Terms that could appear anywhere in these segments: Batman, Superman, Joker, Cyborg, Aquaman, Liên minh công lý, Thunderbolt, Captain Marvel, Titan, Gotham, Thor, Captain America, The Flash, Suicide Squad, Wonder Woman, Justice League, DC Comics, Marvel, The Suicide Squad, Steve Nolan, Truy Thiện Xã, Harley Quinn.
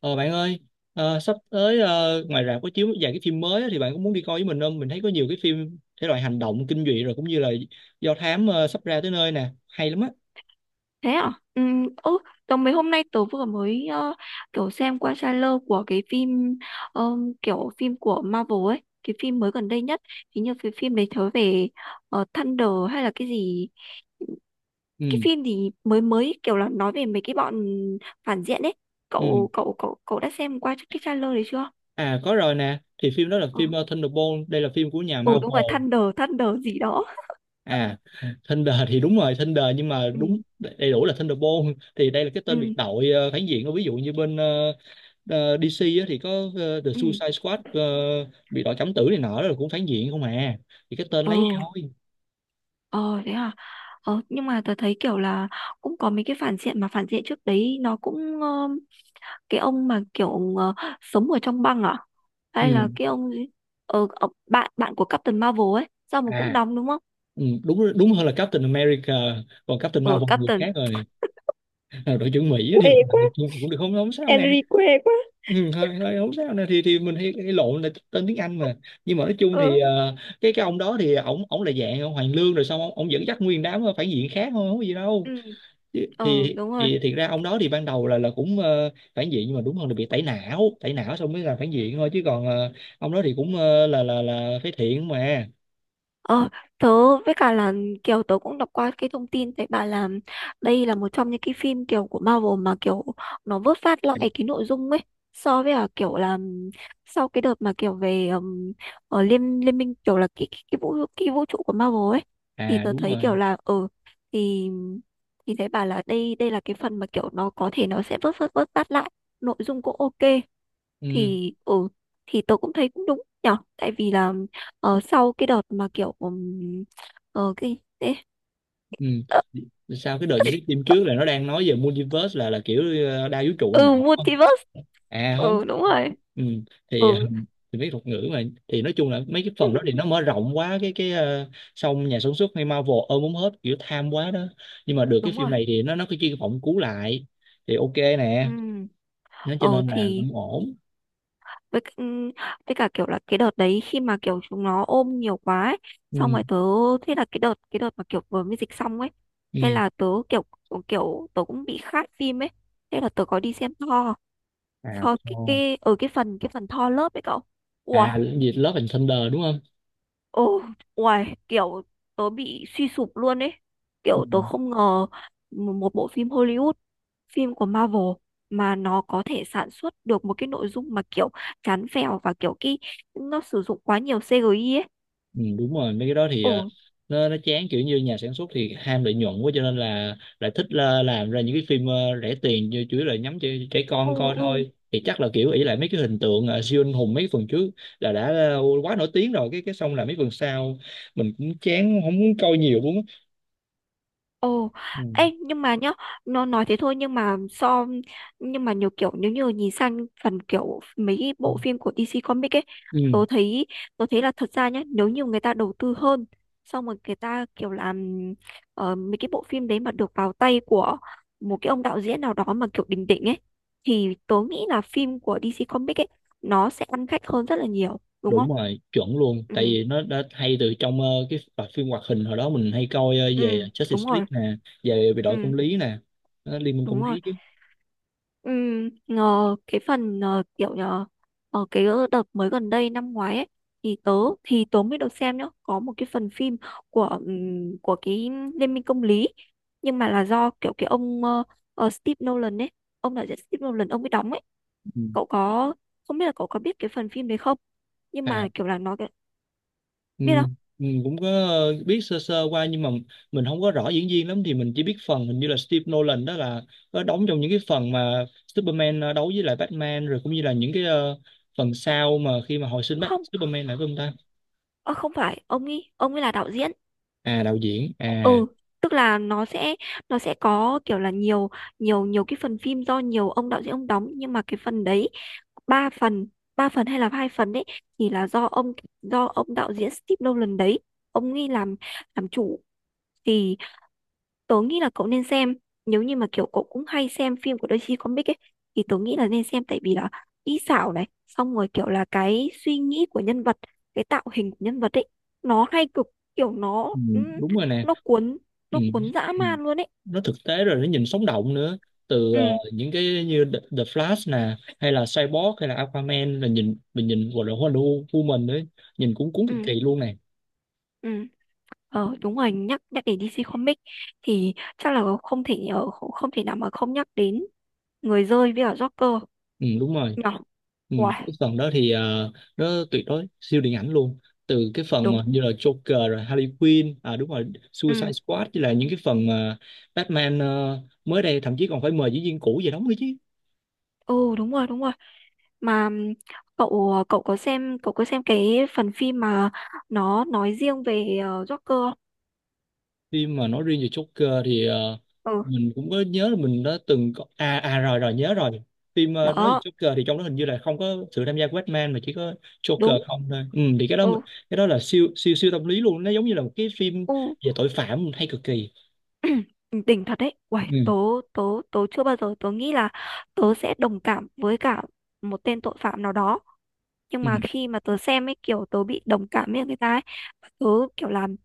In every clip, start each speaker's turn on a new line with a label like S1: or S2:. S1: Ờ bạn ơi, sắp tới ngoài rạp có chiếu vài cái phim mới á, thì bạn có muốn đi coi với mình không? Mình thấy có nhiều cái phim thể loại hành động, kinh dị rồi cũng như là do thám sắp ra tới nơi nè, hay lắm á.
S2: Thế à? Ừ, ô, tớ mấy hôm nay vừa mới kiểu xem qua trailer của cái phim ờ, kiểu phim của Marvel ấy, cái phim mới gần đây nhất. Hình như cái phim đấy thớ về Thunder hay là cái gì, cái
S1: Ừ,
S2: phim gì mới mới kiểu là nói về mấy cái bọn phản diện ấy.
S1: ừ.
S2: Cậu cậu cậu cậu đã xem qua cái trailer đấy chưa?
S1: À có rồi nè, thì phim đó là
S2: Ừ,
S1: phim Thunderbolt, đây là phim của nhà
S2: ừ đúng rồi
S1: Marvel.
S2: Thunder Thunder gì đó.
S1: À, Thunder thì đúng rồi, Thunder nhưng mà
S2: Ừ
S1: đúng đầy đủ là Thunderbolt, thì đây là cái tên biệt
S2: ừ
S1: đội phản diện. Ví dụ như bên DC á, thì có The
S2: ừ.
S1: Suicide Squad, biệt đội cấm tử này nọ, đó là cũng phản diện không à. Thì cái tên
S2: Ồ.
S1: lấy thôi.
S2: Ờ thế à. Ờ nhưng mà tớ thấy kiểu là cũng có mấy cái phản diện mà phản diện trước đấy nó cũng cái ông mà kiểu sống ở trong băng à hay là
S1: Ừ.
S2: cái ông gì bạn bạn của Captain Marvel ấy sao mà cũng
S1: À,
S2: đóng đúng không?
S1: ừ, đúng đúng hơn là Captain America, còn Captain
S2: Ờ
S1: Marvel là người
S2: Captain,
S1: khác rồi. À, đội trưởng Mỹ á thì
S2: quê quá.
S1: cũng được, không không sao nè.
S2: Henry quê quá.
S1: Ừ, hơi hơi không sao nè. Thì mình hay lộn là tên tiếng Anh mà. Nhưng mà nói chung
S2: Ờ,
S1: thì cái ông đó thì ổng ổng là dạng ông Hoàng Lương, rồi xong ông dẫn dắt nguyên đám phản diện khác thôi, không có gì đâu.
S2: ừ,
S1: thì
S2: ờ,
S1: thì
S2: đúng rồi.
S1: thì thiệt ra ông đó thì ban đầu là cũng phản diện, nhưng mà đúng hơn là bị tẩy não. Tẩy não xong mới là phản diện thôi, chứ còn ông đó thì cũng là phế thiện mà.
S2: Ờ, tớ với cả là kiểu tớ cũng đọc qua cái thông tin thấy bà là đây là một trong những cái phim kiểu của Marvel mà kiểu nó vớt vát lại cái nội dung ấy, so với là kiểu là sau cái đợt mà kiểu về ở liên liên minh, kiểu là cái vũ trụ của Marvel ấy, thì
S1: À
S2: tớ
S1: đúng
S2: thấy kiểu
S1: rồi.
S2: là ừ, thì thì thấy bà là đây đây là cái phần mà kiểu nó có thể nó sẽ vớt vớt vớt vát lại nội dung cũng ok.
S1: Ừ.
S2: Thì ừ, thì tôi cũng thấy cũng đúng nhở, tại vì là sau cái đợt mà kiểu cái thế
S1: Ừ.
S2: ờ,
S1: Sao cái đợt những cái phim trước là nó đang nói về multiverse, là kiểu đa vũ trụ
S2: ừ,
S1: này nọ, đúng không?
S2: multiverse.
S1: À không.
S2: Ừ đúng rồi.
S1: Ừ. thì ờ,
S2: Ừ.
S1: thì mấy thuật ngữ mà thì nói chung là mấy cái phần đó thì nó mở rộng quá cái. Xong nhà sản xuất hay Marvel ôm muốn hết, kiểu tham quá đó. Nhưng mà được cái
S2: Đúng
S1: phim
S2: rồi.
S1: này thì nó cái chuyên phỏng cứu lại, thì ok nè,
S2: Ừ,
S1: nó cho
S2: ờ
S1: nên là
S2: thì
S1: cũng ổn.
S2: với với cả kiểu là cái đợt đấy khi mà kiểu chúng nó ôm nhiều quá ấy, xong
S1: Ừ.
S2: rồi tớ, thế là cái đợt mà kiểu vừa mới dịch xong ấy, thế
S1: Ừ.
S2: là tớ kiểu ừ, kiểu tớ cũng bị khát phim ấy, thế là tớ có đi xem Thor.
S1: À
S2: Thor
S1: thôi.
S2: cái ở cái phần Thor lớp ấy cậu. Ui.
S1: À cái gì Love and Thunder đúng không?
S2: Ồ, uầy, kiểu tớ bị suy sụp luôn ấy.
S1: Ừ.
S2: Kiểu tớ không ngờ một bộ phim Hollywood, phim của Marvel, mà nó có thể sản xuất được một cái nội dung mà kiểu chán phèo và kiểu cái nó sử dụng quá nhiều CGI ấy.
S1: Ừ, đúng rồi. Mấy cái đó thì
S2: Ồ,
S1: nó chán, kiểu như nhà sản xuất thì ham lợi nhuận quá cho nên là lại thích là làm ra những cái phim rẻ tiền, như chủ yếu là nhắm cho trẻ
S2: ừ,
S1: con coi
S2: ừ.
S1: thôi, thì chắc là kiểu ỷ lại mấy cái hình tượng siêu anh hùng mấy phần trước là đã quá nổi tiếng rồi. Cái xong là mấy phần sau mình cũng chán không muốn coi nhiều luôn á.
S2: Ồ,
S1: Ừ.
S2: ê, nhưng mà nhá, nó nói thế thôi nhưng mà so, nhưng mà nhiều kiểu nếu như nhìn sang phần kiểu mấy cái bộ phim của DC Comics ấy,
S1: Ừ
S2: tôi thấy, tôi thấy là thật ra nhá, nếu như người ta đầu tư hơn, xong rồi người ta kiểu làm mấy cái bộ phim đấy mà được vào tay của một cái ông đạo diễn nào đó mà kiểu đỉnh đỉnh ấy, thì tôi nghĩ là phim của DC Comics ấy nó sẽ ăn khách hơn rất là nhiều, đúng
S1: đúng
S2: không?
S1: rồi, chuẩn luôn. Tại
S2: Ừ,
S1: vì nó đã hay từ trong cái loạt phim hoạt hình hồi đó mình hay coi
S2: ừ,
S1: về Justice
S2: đúng
S1: League
S2: rồi.
S1: nè. Về về đội công
S2: Ừ,
S1: lý nè. Đó, Liên minh công
S2: đúng rồi.
S1: lý chứ.
S2: Ừ, ngờ cái phần kiểu nhờ ở cái đợt mới gần đây năm ngoái ấy, thì tớ, thì tớ mới được xem nhá, có một cái phần phim của cái Liên minh công lý, nhưng mà là do kiểu cái ông Steve Nolan ấy, ông đạo diễn Steve Nolan ông mới đóng ấy.
S1: Ừ.
S2: Cậu có, không biết là cậu có biết cái phần phim đấy không, nhưng
S1: À,
S2: mà kiểu là nó cái-,
S1: ừ,
S2: biết không.
S1: mình cũng có biết sơ sơ qua, nhưng mà mình không có rõ diễn viên lắm, thì mình chỉ biết phần hình như là Steve Nolan đó là có đóng trong những cái phần mà Superman đấu với lại Batman, rồi cũng như là những cái phần sau mà khi mà hồi sinh Bat
S2: Không,
S1: Superman lại với ông ta.
S2: ờ, không phải ông ấy, ông ấy là đạo diễn.
S1: À, đạo diễn à.
S2: Ừ, tức là nó sẽ, nó sẽ có kiểu là nhiều, nhiều nhiều cái phần phim do nhiều ông đạo diễn ông đóng, nhưng mà cái phần đấy, ba phần, ba phần hay là hai phần đấy thì là do ông, do ông đạo diễn Steve Nolan đấy ông ấy làm chủ. Thì tớ nghĩ là cậu nên xem, nếu như mà kiểu cậu cũng hay xem phim của DC Comics ấy thì tớ nghĩ là nên xem, tại vì là kỹ xảo này, xong rồi kiểu là cái suy nghĩ của nhân vật, cái tạo hình của nhân vật ấy nó hay cực, kiểu nó
S1: Ừ, đúng rồi nè.
S2: nó cuốn,
S1: Ừ.
S2: nó cuốn dã
S1: Ừ.
S2: man luôn ấy.
S1: Nó thực tế rồi nó nhìn sống động nữa. Từ
S2: Ừ
S1: những cái như The Flash nè, hay là Cyborg, hay là Aquaman, là nhìn mình nhìn gọi là Wonder Woman nữa, nhìn cũng cuốn cực
S2: ừ
S1: kỳ luôn nè.
S2: ừ. Ờ đúng rồi, nhắc nhắc đến DC Comics thì chắc là không thể không, không thể nào mà không nhắc đến người rơi với cả Joker
S1: Ừ, đúng rồi.
S2: nhỏ.
S1: Ừ,
S2: Uầy,
S1: cái phần đó thì nó tuyệt đối siêu điện ảnh luôn. Từ cái phần
S2: đúng.
S1: mà như là Joker rồi Harley Quinn, à đúng rồi, Suicide
S2: Ừ
S1: Squad, với là những cái phần mà Batman mới đây thậm chí còn phải mời diễn viên cũ về đóng nữa chứ.
S2: ừ đúng rồi, đúng rồi mà cậu cậu có xem, cậu có xem cái phần phim mà nó nói riêng về Joker
S1: Phim mà nói riêng về Joker thì
S2: không? Ừ,
S1: mình cũng có nhớ là mình đã từng có. À rồi, nhớ rồi. Phim nói về
S2: đó,
S1: Joker thì trong đó hình như là không có sự tham gia của Batman, mà chỉ có Joker
S2: đúng.
S1: không thôi. Ừ, thì cái đó mình-
S2: Ừ,
S1: cái đó là siêu siêu siêu tâm lý luôn, nó giống như là một cái phim
S2: ừ.
S1: về tội phạm hay cực kỳ.
S2: Đỉnh thật đấy, uầy,
S1: Ừ.
S2: tớ, tớ, tớ chưa bao giờ tớ nghĩ là tớ sẽ đồng cảm với cả một tên tội phạm nào đó, nhưng
S1: Ừ.
S2: mà khi mà tớ xem ấy kiểu tớ bị đồng cảm với người ta ấy. Và tớ kiểu làm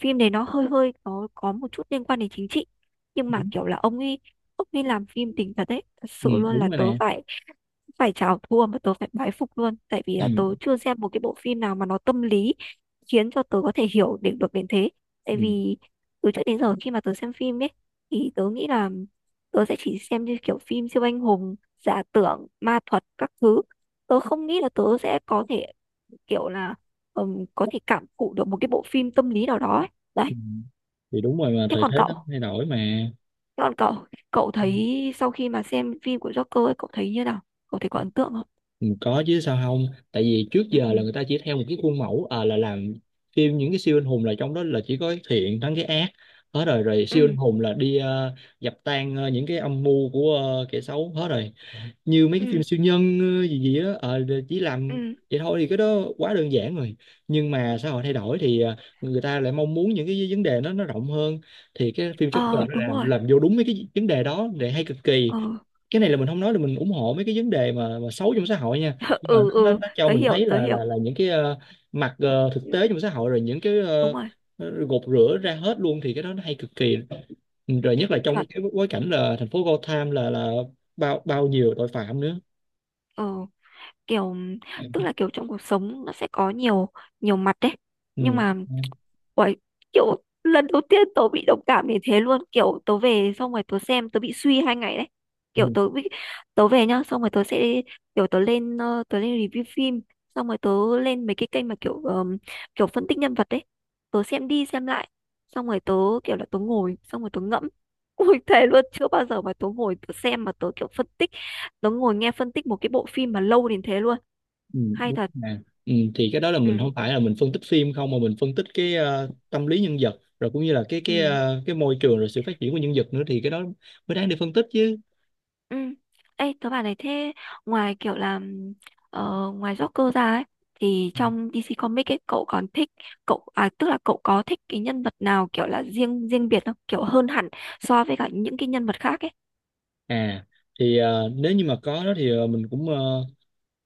S2: phim đấy, nó hơi hơi nó có một chút liên quan đến chính trị, nhưng mà kiểu là ông ấy, ông ấy làm phim đỉnh thật đấy, thật
S1: Ừ,
S2: sự luôn là
S1: đúng rồi
S2: tớ
S1: nè.
S2: phải, phải chào thua mà tớ phải bái phục luôn, tại vì là tớ
S1: Ừ.
S2: chưa xem một cái bộ phim nào mà nó tâm lý khiến cho tớ có thể hiểu được được đến thế. Tại
S1: Ừ.
S2: vì từ trước đến giờ khi mà tớ xem phim ấy, thì tớ nghĩ là tớ sẽ chỉ xem như kiểu phim siêu anh hùng giả tưởng ma thuật các thứ, tớ không nghĩ là tớ sẽ có thể kiểu là có thể cảm thụ được một cái bộ phim tâm lý nào đó ấy. Đấy.
S1: Ừ. Thì đúng rồi, mà
S2: Thế
S1: thời
S2: còn
S1: thế
S2: cậu,
S1: nó thay đổi mà.
S2: thế còn cậu, cậu thấy sau khi mà xem phim của Joker ấy, cậu thấy như nào, cậu thấy có ấn tượng không?
S1: Ừ, có chứ sao không. Tại vì trước giờ là
S2: Ừ
S1: người ta chỉ theo một cái khuôn mẫu, à, là làm phim những cái siêu anh hùng, là trong đó là chỉ có cái thiện thắng cái ác hết rồi. Siêu anh
S2: ừ
S1: hùng là đi dập tan những cái âm mưu của kẻ xấu hết rồi. Như mấy cái
S2: ừ
S1: phim siêu nhân gì gì á, chỉ làm
S2: ừ,
S1: vậy thôi, thì cái đó quá đơn giản rồi. Nhưng mà xã hội thay đổi thì người ta lại mong muốn những cái vấn đề nó rộng hơn. Thì cái phim Joker
S2: ờ
S1: nó
S2: đúng
S1: làm
S2: rồi,
S1: làm vô đúng mấy cái vấn đề đó, để hay cực kỳ.
S2: ờ.
S1: Cái này là mình không nói là mình ủng hộ mấy cái vấn đề mà xấu trong xã hội nha, nhưng mà
S2: Ừ,
S1: nó nó,
S2: ừ,
S1: nó cho
S2: tớ
S1: mình
S2: hiểu,
S1: thấy
S2: tớ
S1: là
S2: hiểu.
S1: là là những cái mặt thực
S2: Ừ,
S1: tế trong xã hội, rồi những cái
S2: đúng rồi
S1: gột rửa ra hết luôn, thì cái đó nó hay cực kỳ. Rồi nhất là trong
S2: chuẩn.
S1: cái bối cảnh là thành phố Gotham là bao bao nhiêu tội phạm nữa.
S2: Ờ kiểu, tức là kiểu trong cuộc sống nó sẽ có nhiều, nhiều mặt đấy,
S1: Ừ.
S2: nhưng mà.
S1: Ừ.
S2: Uầy, kiểu lần đầu tiên tớ bị đồng cảm như thế luôn, kiểu tớ về xong rồi tớ xem tớ bị suy 2 ngày đấy, kiểu tớ bị, tớ về nhá xong rồi tớ sẽ kiểu tớ lên tớ lên review phim, xong rồi tớ lên mấy cái kênh mà kiểu kiểu phân tích nhân vật đấy, tớ xem đi xem lại, xong rồi tớ kiểu là tớ ngồi, xong rồi tớ ngẫm. Ui thề luôn, chưa bao giờ mà tớ ngồi tớ xem mà tớ kiểu phân tích, tớ ngồi nghe phân tích một cái bộ phim mà lâu đến thế luôn.
S1: Ừ,
S2: Hay
S1: đúng
S2: thật.
S1: nè. Ừ, thì cái đó là
S2: Ừ,
S1: mình không phải là mình phân tích phim không, mà mình phân tích cái tâm lý nhân vật, rồi cũng như là cái cái
S2: ừ.
S1: ờ, cái môi trường rồi sự phát triển của nhân vật nữa, thì cái đó mới đáng để phân tích chứ.
S2: Ừ. Ê, tớ bảo này, thế ngoài kiểu là ngoài Joker ra ấy, thì
S1: Ừ.
S2: trong DC Comics ấy cậu còn thích, cậu à, tức là cậu có thích cái nhân vật nào kiểu là riêng riêng biệt không, kiểu hơn hẳn so với cả những cái nhân vật khác ấy.
S1: À thì nếu như mà có đó thì mình cũng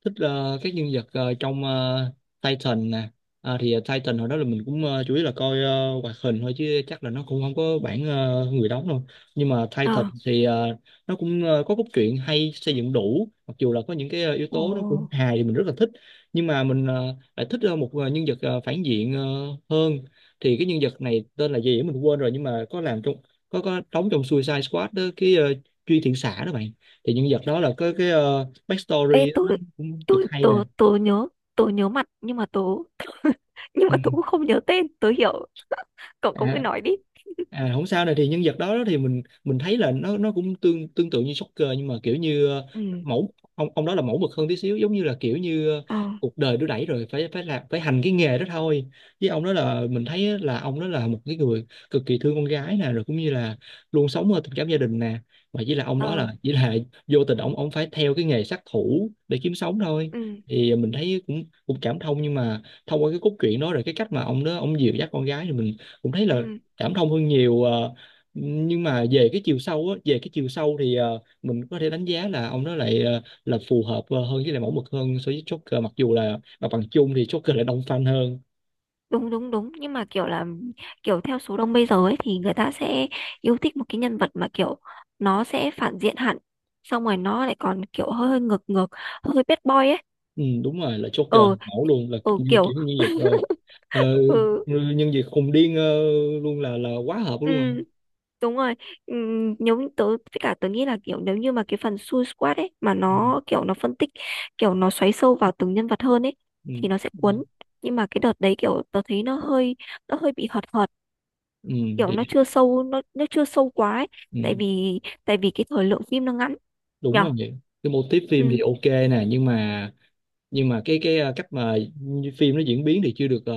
S1: thích các nhân vật trong Titan nè. À, thì Titan hồi đó là mình cũng chủ yếu là coi hoạt hình thôi, chứ chắc là nó cũng không có bản người đóng đâu. Nhưng mà Titan
S2: Ờ,
S1: thì nó cũng có cốt truyện hay, xây dựng đủ, mặc dù là có những cái yếu
S2: ồ,
S1: tố nó cũng hài, thì mình rất là thích. Nhưng mà mình lại thích một nhân vật phản diện hơn. Thì cái nhân vật này tên là gì á mình quên rồi, nhưng mà có làm trong, có đóng trong Suicide Squad đó, cái Truy Thiện Xã đó bạn. Thì nhân vật đó là có cái
S2: ê,
S1: backstory nó
S2: tôi,
S1: cũng cực
S2: tôi
S1: hay nè.
S2: tôi tôi nhớ, tôi nhớ mặt nhưng mà tôi nhưng
S1: Ừ.
S2: mà tôi cũng không nhớ tên, tôi hiểu, cậu, cậu cứ
S1: À,
S2: nói đi.
S1: à không sao. Này thì nhân vật đó thì mình thấy là nó cũng tương tương tự như Joker, nhưng mà kiểu như
S2: Ừ,
S1: mẫu ông đó là mẫu mực hơn tí xíu, giống như là kiểu như
S2: ờ,
S1: cuộc đời đưa đẩy rồi phải phải làm phải hành cái nghề đó thôi. Với ông đó là mình thấy là ông đó là một cái người cực kỳ thương con gái nè, rồi cũng như là luôn sống ở tình cảm gia đình nè. Mà chỉ là ông đó là
S2: ờ,
S1: chỉ là vô tình ông phải theo cái nghề sát thủ để kiếm sống thôi.
S2: ừ,
S1: Thì mình thấy cũng cũng cảm thông, nhưng mà thông qua cái cốt truyện đó, rồi cái cách mà ông đó ông dìu dắt con gái, thì mình cũng thấy là
S2: ừ,
S1: cảm thông hơn nhiều, nhưng mà về cái chiều sâu á, về cái chiều sâu thì mình có thể đánh giá là ông đó lại là phù hợp hơn, với lại mẫu mực hơn so với Joker, mặc dù là mặt bằng chung thì Joker lại đông fan hơn.
S2: đúng đúng đúng, nhưng mà kiểu là, kiểu theo số đông bây giờ ấy thì người ta sẽ yêu thích một cái nhân vật mà kiểu nó sẽ phản diện hẳn, xong rồi nó lại còn kiểu hơi hơi ngược ngược, hơi bad boy ấy.
S1: Ừ, đúng rồi, là
S2: Ừ,
S1: Joker mẫu luôn, là
S2: ừ,
S1: như
S2: kiểu,
S1: kiểu như nhân vật ờ,
S2: ừ,
S1: nhân vật khùng điên luôn, là quá hợp
S2: ừ,
S1: luôn rồi.
S2: đúng rồi. Ừ, nếu như tớ với cả tớ nghĩ là kiểu, nếu như mà cái phần Suicide Squad ấy mà
S1: Ừ.
S2: nó kiểu nó phân tích, kiểu nó xoáy sâu vào từng nhân vật hơn ấy thì nó sẽ
S1: Ừ.
S2: cuốn, nhưng mà cái đợt đấy kiểu tớ thấy nó hơi, nó hơi bị hợt hợt,
S1: Ừ,
S2: kiểu
S1: thì,
S2: nó chưa sâu, nó chưa sâu quá ấy. Tại
S1: ừ,
S2: vì, tại vì cái thời lượng phim nó ngắn
S1: đúng
S2: nhở.
S1: rồi. Cái mô típ phim thì
S2: Ừ,
S1: ok nè, nhưng mà cái cách mà phim nó diễn biến thì chưa được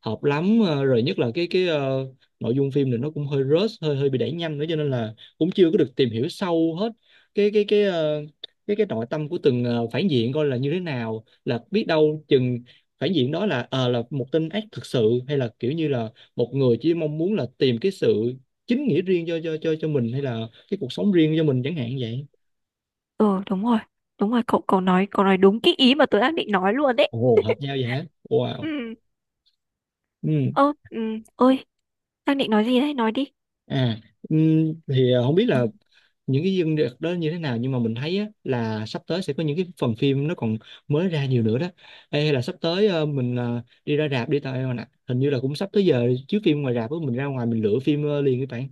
S1: hợp lắm. Ờ, Rồi nhất là cái nội dung phim thì nó cũng hơi rush, hơi hơi bị đẩy nhanh nữa, cho nên là cũng chưa có được tìm hiểu sâu hết cái ờ, cái nội tâm của từng phản diện, coi là như thế nào, là biết đâu chừng phản diện đó là là một tên ác thực sự, hay là kiểu như là một người chỉ mong muốn là tìm cái sự chính nghĩa riêng cho mình, hay là cái cuộc sống riêng cho mình chẳng hạn vậy.
S2: ừ, đúng rồi, đúng rồi, cậu, cậu nói, cậu nói đúng cái ý mà tớ đang định nói luôn đấy.
S1: Ồ hợp nhau vậy hả, wow.
S2: Ừ,
S1: Ừ.
S2: ơ, ừ, ơi, đang định nói gì đấy, nói đi.
S1: À, thì không biết là những cái dương được đó như thế nào, nhưng mà mình thấy á, là sắp tới sẽ có những cái phần phim nó còn mới ra nhiều nữa đó. Ê, hay là sắp tới mình đi ra rạp đi tao em ạ. Hình như là cũng sắp tới giờ chiếu phim ngoài rạp á, mình ra ngoài mình lựa phim liền các bạn.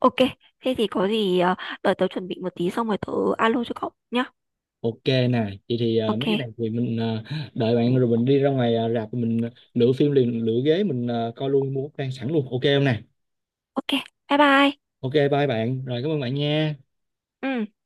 S2: Ok, thế thì có gì đợi tớ chuẩn bị một tí xong rồi tớ alo cho cậu nhá.
S1: Ok nè, vậy thì mấy
S2: Ok.
S1: cái này thì mình đợi bạn rồi mình đi ra ngoài rạp, mình lựa phim liền, lựa ghế, mình coi luôn, mua vé sẵn luôn. Ok không nè.
S2: Ok, bye bye.
S1: Ok bye bạn. Rồi cảm ơn bạn nha.
S2: Ừ